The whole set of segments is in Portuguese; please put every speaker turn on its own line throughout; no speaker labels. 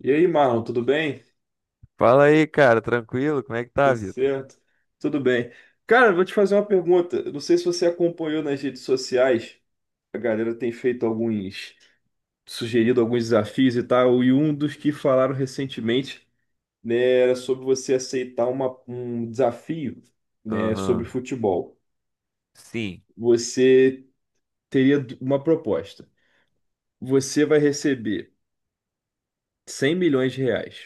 E aí, Marlon, tudo bem?
Fala aí, cara, tranquilo? Como é que tá,
Tudo
Vitor?
certo? Tudo bem. Cara, vou te fazer uma pergunta. Eu não sei se você acompanhou nas redes sociais. A galera tem feito alguns, sugerido alguns desafios e tal. E um dos que falaram recentemente, né, era sobre você aceitar um desafio, né, sobre
Aham,
futebol.
sim.
Você teria uma proposta. Você vai receber 100 milhões de reais,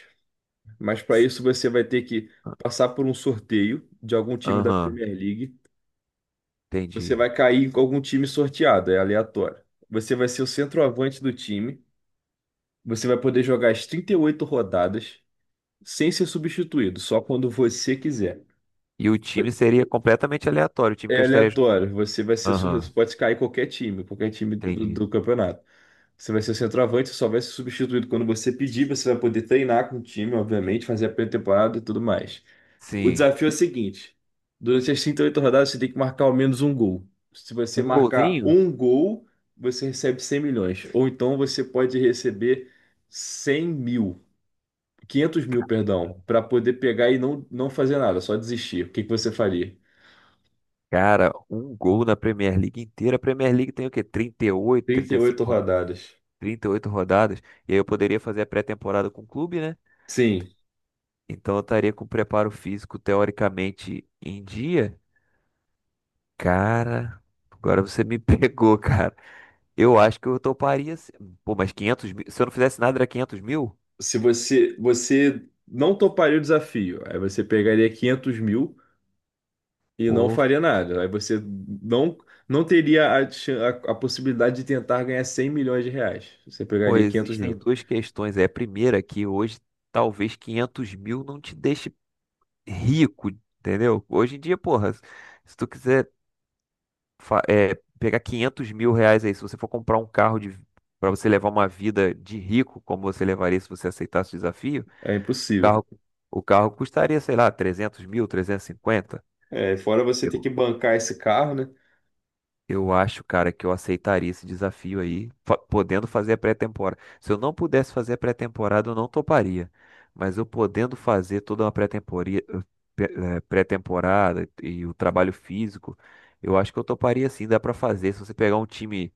mas para
S-
isso você vai ter que
a-
passar por um sorteio de algum time da
Aham,
Premier League. Você
entendi.
vai cair com algum time sorteado, é aleatório. Você vai ser o centroavante do time. Você vai poder jogar as 38 rodadas sem ser substituído, só quando você quiser.
E o time seria completamente aleatório, o time que eu
É
estaria.
aleatório. Você vai ser,
Aham,
pode cair qualquer time
entendi.
do campeonato. Você vai ser o centroavante, só vai ser substituído quando você pedir. Você vai poder treinar com o time, obviamente, fazer a pré-temporada e tudo mais. O
Sim.
desafio é o seguinte: durante as 38 rodadas, você tem que marcar ao menos um gol. Se você
Um
marcar
golzinho?
um gol, você recebe 100 milhões. Ou então você pode receber 100 mil, 500 mil, perdão, para poder pegar e não fazer nada, só desistir. O que que você faria?
Cara, um gol na Premier League inteira. A Premier League tem o quê? 38,
38
35,
rodadas.
38 rodadas. E aí eu poderia fazer a pré-temporada com o clube, né?
Sim,
Então eu estaria com o preparo físico teoricamente em dia. Cara, agora você me pegou, cara. Eu acho que eu toparia. Pô, mas 500 mil. Se eu não fizesse nada, era 500 mil?
se você não toparia o desafio, aí você pegaria 500 mil e não
Pô,
faria nada. Aí você não, não teria a possibilidade de tentar ganhar 100 milhões de reais. Você
pô,
pegaria 500
existem
mil.
duas questões. É a primeira, é que hoje talvez 500 mil não te deixe rico, entendeu? Hoje em dia, porra, se tu quiser pegar 500 mil reais aí, se você for comprar um carro de. Para você levar uma vida de rico, como você levaria se você aceitasse o desafio,
É
o
impossível.
carro, o carro custaria, sei lá, 300 mil, 350.
É, fora você ter que bancar esse carro, né?
Eu acho, cara, que eu aceitaria esse desafio aí, podendo fazer a pré-temporada. Se eu não pudesse fazer a pré-temporada, eu não toparia. Mas eu podendo fazer toda uma pe- pré-temporada e o trabalho físico, eu acho que eu toparia sim, dá pra fazer. Se você pegar um time,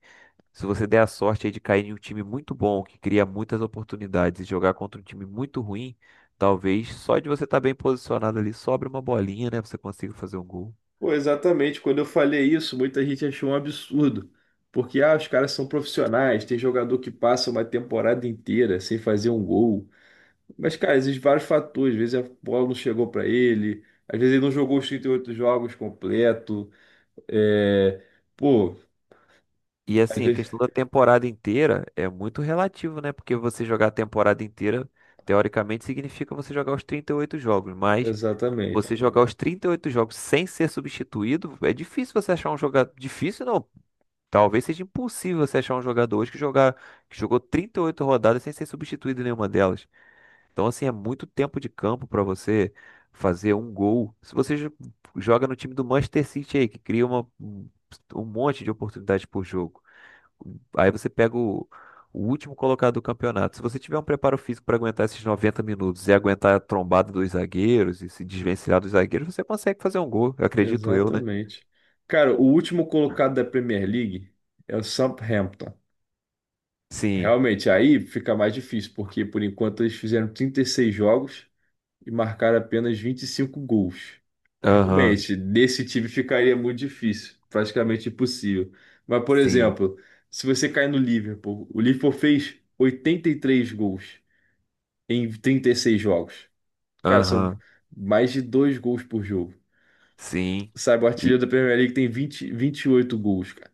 se você der a sorte aí de cair em um time muito bom, que cria muitas oportunidades, e jogar contra um time muito ruim, talvez só de você estar bem posicionado ali, sobre uma bolinha, né? Você consiga fazer um gol.
Pô, exatamente. Quando eu falei isso, muita gente achou um absurdo. Porque, ah, os caras são profissionais, tem jogador que passa uma temporada inteira sem fazer um gol. Mas, cara, existem vários fatores. Às vezes a bola não chegou para ele, às vezes ele não jogou os 38 jogos completo. É, pô,
E
às
assim, a
vezes.
questão da temporada inteira é muito relativo, né? Porque você jogar a temporada inteira, teoricamente, significa você jogar os 38 jogos. Mas
Exatamente,
você jogar os 38 jogos sem ser substituído, é difícil você achar um jogador. Difícil não. Talvez seja impossível você achar um jogador hoje que jogou 38 rodadas sem ser substituído em nenhuma delas. Então, assim, é muito tempo de campo para você fazer um gol. Se você joga no time do Manchester City aí, que cria uma... um um monte de oportunidades por jogo. Aí você pega o último colocado do campeonato. Se você tiver um preparo físico para aguentar esses 90 minutos e aguentar a trombada dos zagueiros e se desvencilhar dos zagueiros, você consegue fazer um gol, acredito eu, né?
exatamente. Cara, o último colocado da Premier League é o Southampton.
Sim.
Realmente, aí fica mais difícil, porque por enquanto eles fizeram 36 jogos e marcaram apenas 25 gols.
Aham.
Realmente, desse time ficaria muito difícil, praticamente impossível. Mas, por
Sim.
exemplo, se você cair no Liverpool, o Liverpool fez 83 gols em 36 jogos. Cara, são
Aham.
mais de dois gols por jogo.
Sim.
Sabe, o
E
artilheiro da Premier League tem vinte e oito gols, cara.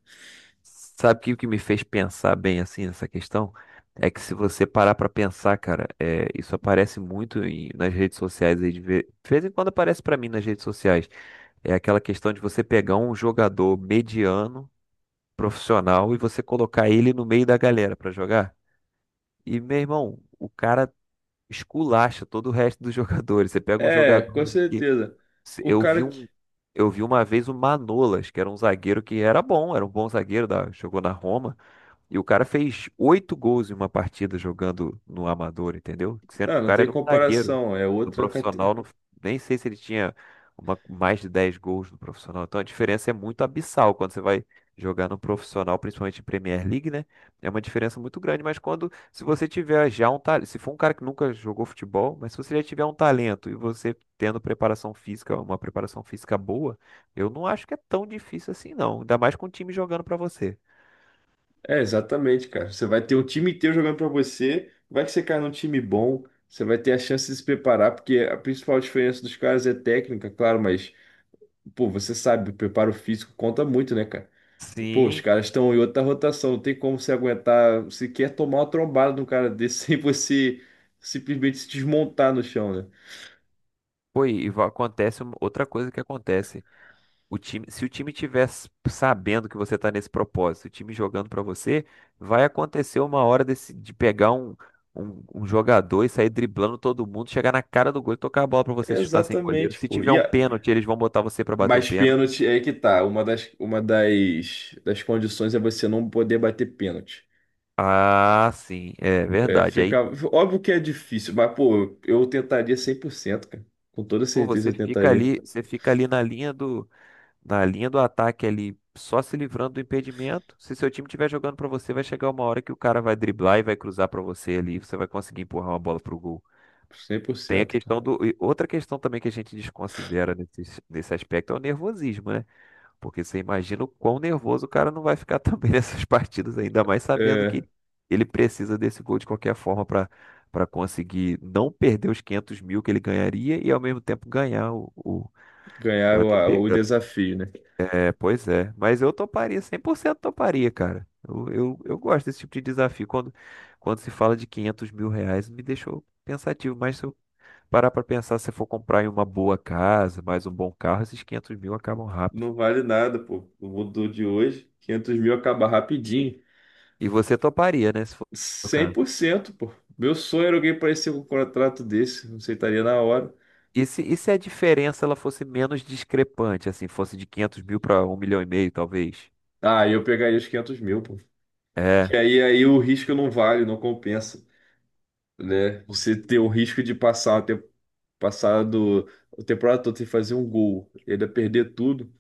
sabe que o que me fez pensar bem assim nessa questão? É que se você parar para pensar, cara, isso aparece muito nas redes sociais aí de ver, de vez em quando aparece para mim nas redes sociais. É aquela questão de você pegar um jogador mediano profissional e você colocar ele no meio da galera pra jogar. E, meu irmão, o cara esculacha todo o resto dos jogadores. Você pega um
É,
jogador
com
que
certeza. O
eu vi
cara que.
um eu vi uma vez o Manolas, que era um zagueiro que era bom, era um bom zagueiro da, jogou na Roma. E o cara fez 8 gols em uma partida jogando no amador, entendeu? Sendo que
Não,
o
não
cara
tem
era um zagueiro.
comparação. É
No
outra
profissional,
categoria.
nem sei se ele tinha mais de 10 gols no profissional. Então a diferença é muito abissal quando você vai jogar no profissional, principalmente em Premier League, né? É uma diferença muito grande. Mas quando, se você tiver já um talento, se for um cara que nunca jogou futebol, mas se você já tiver um talento e você tendo preparação física, uma preparação física boa, eu não acho que é tão difícil assim, não. Ainda mais com o time jogando pra você.
É, exatamente, cara. Você vai ter um time inteiro jogando pra você. Vai que você cai num time bom. Você vai ter a chance de se preparar, porque a principal diferença dos caras é técnica, claro, mas, pô, você sabe, o preparo físico conta muito, né, cara? Pô, os
Sim.
caras estão em outra rotação, não tem como você aguentar, você quer tomar uma trombada de um cara desse sem você simplesmente se desmontar no chão, né?
Acontece outra coisa que acontece. O time, se o time tiver sabendo que você está nesse propósito, o time jogando para você, vai acontecer uma hora desse, de pegar um jogador e sair driblando todo mundo, chegar na cara do gol e tocar a bola para você chutar sem goleiro.
Exatamente,
Se
pô.
tiver
E
um
a-
pênalti, eles vão botar você para bater o
Mas
pênalti.
pênalti é que tá. Uma das condições é você não poder bater pênalti.
Ah, sim, é
É,
verdade. Aí,
fica... Óbvio que é difícil, mas, pô, eu tentaria cem por cento, cara. Com toda
pô,
certeza eu tentaria
você fica ali na linha do ataque ali, só se livrando do impedimento. Se seu time estiver jogando pra você, vai chegar uma hora que o cara vai driblar e vai cruzar pra você ali, você vai conseguir empurrar uma bola pro gol.
cem por
Tem a
cento, cara.
questão do. E Outra questão também que a gente desconsidera nesse aspecto é o nervosismo, né? Porque você imagina o quão nervoso o cara não vai ficar também nessas partidas, ainda mais sabendo
É,
que ele precisa desse gol de qualquer forma pra para conseguir não perder os 500 mil que ele ganharia e ao mesmo tempo ganhar o.
ganhar
eu até, pe-
o desafio, né?
é, pois é. Mas eu toparia, 100% toparia, cara. Eu gosto desse tipo de desafio. Quando se fala de 500 mil reais, me deixou pensativo. Mas se eu parar pra pensar, se eu for comprar em uma boa casa, mais um bom carro, esses 500 mil acabam rápido.
Não vale nada, pô. O mundo de hoje, 500 mil acaba rapidinho.
E você toparia, né? Se for o
Cem
caso.
por cento, pô. Meu sonho era alguém parecer com um contrato desse. Aceitaria na hora.
E se a diferença ela fosse menos discrepante, assim, fosse de 500 mil para um milhão e meio, talvez?
Ah, eu pegaria os 500 mil, pô.
É.
Que aí o risco não vale, não compensa, né? Você ter o risco de passar, ter passado a temporada toda sem fazer um gol, e ainda perder tudo.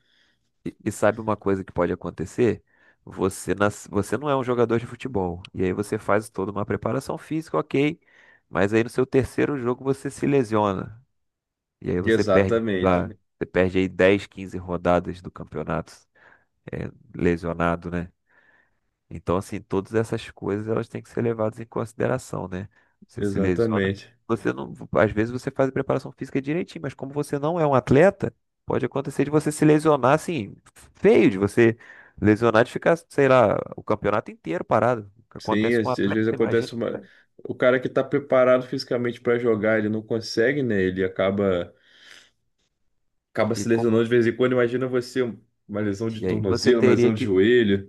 E sabe uma coisa que pode acontecer? Você não é um jogador de futebol. E aí você faz toda uma preparação física, ok. Mas aí no seu terceiro jogo você se lesiona. E aí você perde, sei
Exatamente,
lá, você perde aí 10, 15 rodadas do campeonato, lesionado, né? Então, assim, todas essas coisas elas têm que ser levadas em consideração, né? Você se lesiona.
exatamente.
Você não, às vezes você faz a preparação física direitinho, mas como você não é um atleta, pode acontecer de você se lesionar assim, feio, de você lesionar de ficar, sei lá, o campeonato inteiro parado. O que
Sim,
acontece com um
às
atleta,
vezes
imagina.
acontece uma...
Né?
O cara que tá preparado fisicamente para jogar, ele não consegue, né? Acaba
E,
se
com-
lesionando de vez em quando. Imagina você, uma lesão de
e aí você
tornozelo, uma lesão
teria
de
que
joelho.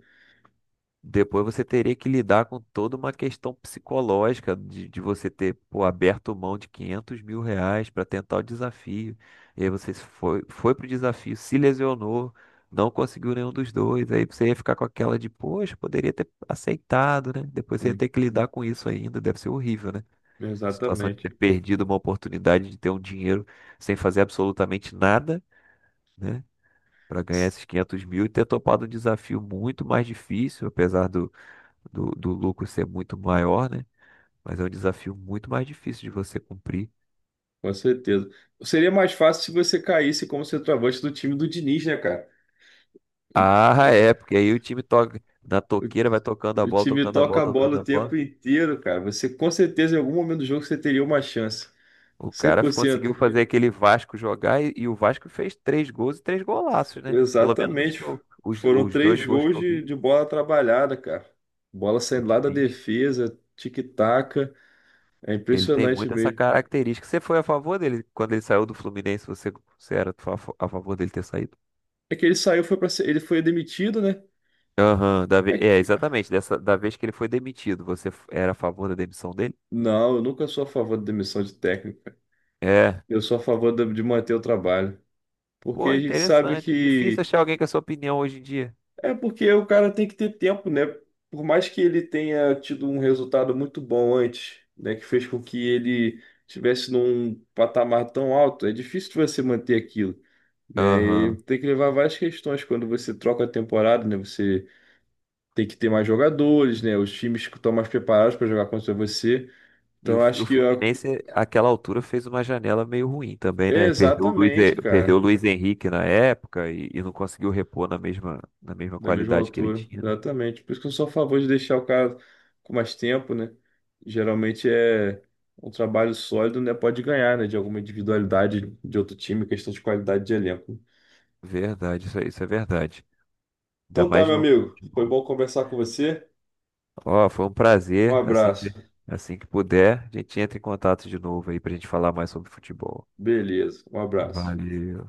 Depois você teria que lidar com toda uma questão psicológica de você ter, pô, aberto mão de 500 mil reais para tentar o desafio. E aí você foi pro desafio, se lesionou, não conseguiu nenhum dos dois. Aí você ia ficar com aquela de, poxa, poderia ter aceitado, né? Depois você ia
Hum,
ter que lidar com isso ainda. Deve ser horrível, né? Situação de
Exatamente.
ter perdido uma oportunidade de ter um dinheiro sem fazer absolutamente nada, né? Para ganhar esses 500 mil e ter topado um desafio muito mais difícil, apesar do lucro ser muito maior, né? Mas é um desafio muito mais difícil de você cumprir.
Com certeza. Seria mais fácil se você caísse como centroavante do time do Diniz, né, cara? O,
Ah, é, porque aí o time toca na toqueira, vai tocando a
o
bola,
time
tocando a
toca
bola,
a bola o
tocando a
tempo
bola.
inteiro, cara. Você com certeza em algum momento do jogo você teria uma chance.
O
Cem
cara
por cento.
conseguiu fazer aquele Vasco jogar e o Vasco fez 3 gols e três golaços, né? Pelo menos
Exatamente. Foram
os dois
três
gols que
gols
eu vi,
de bola trabalhada, cara. Bola
o
saindo lá da
Diniz,
defesa, tic-taca. É
ele tem
impressionante
muito essa
mesmo.
característica. Você foi a favor dele quando ele saiu do Fluminense? Você era a favor dele ter saído?
É que ele saiu, foi para ele foi demitido, né?
Aham,
É que...
exatamente. Da vez que ele foi demitido, você era a favor da demissão dele?
Não, eu nunca sou a favor da demissão de técnico.
É.
Eu sou a favor da- de manter o trabalho. Porque
Pô,
a gente sabe
interessante. Difícil
que
achar alguém com essa opinião hoje em dia.
é porque o cara tem que ter tempo, né? Por mais que ele tenha tido um resultado muito bom antes, né, que fez com que ele estivesse num patamar tão alto, é difícil você manter aquilo, né? E
Aham.
tem que levar várias questões quando você troca a temporada, né? Você tem que ter mais jogadores, né? Os times que estão mais preparados para jogar contra você.
E o,
Então
o
acho que a-
Fluminense, àquela altura, fez uma janela meio ruim também,
é
né? Perdeu
exatamente,
Perdeu o
cara.
Luiz Henrique na época e não conseguiu repor na mesma
Da mesma
qualidade que ele
altura,
tinha.
exatamente. Por isso que eu sou a favor de deixar o cara com mais tempo, né? Geralmente é um trabalho sólido, né? Pode ganhar, né? De alguma individualidade de outro time, questão de qualidade de elenco.
Verdade, isso é verdade. Ainda
Então tá,
mais
meu
no
amigo. Foi
futebol.
bom conversar com você.
Ó, foi um
Um
prazer.
abraço.
Assim que puder, a gente entra em contato de novo aí pra gente falar mais sobre futebol.
Beleza, um abraço.
Valeu.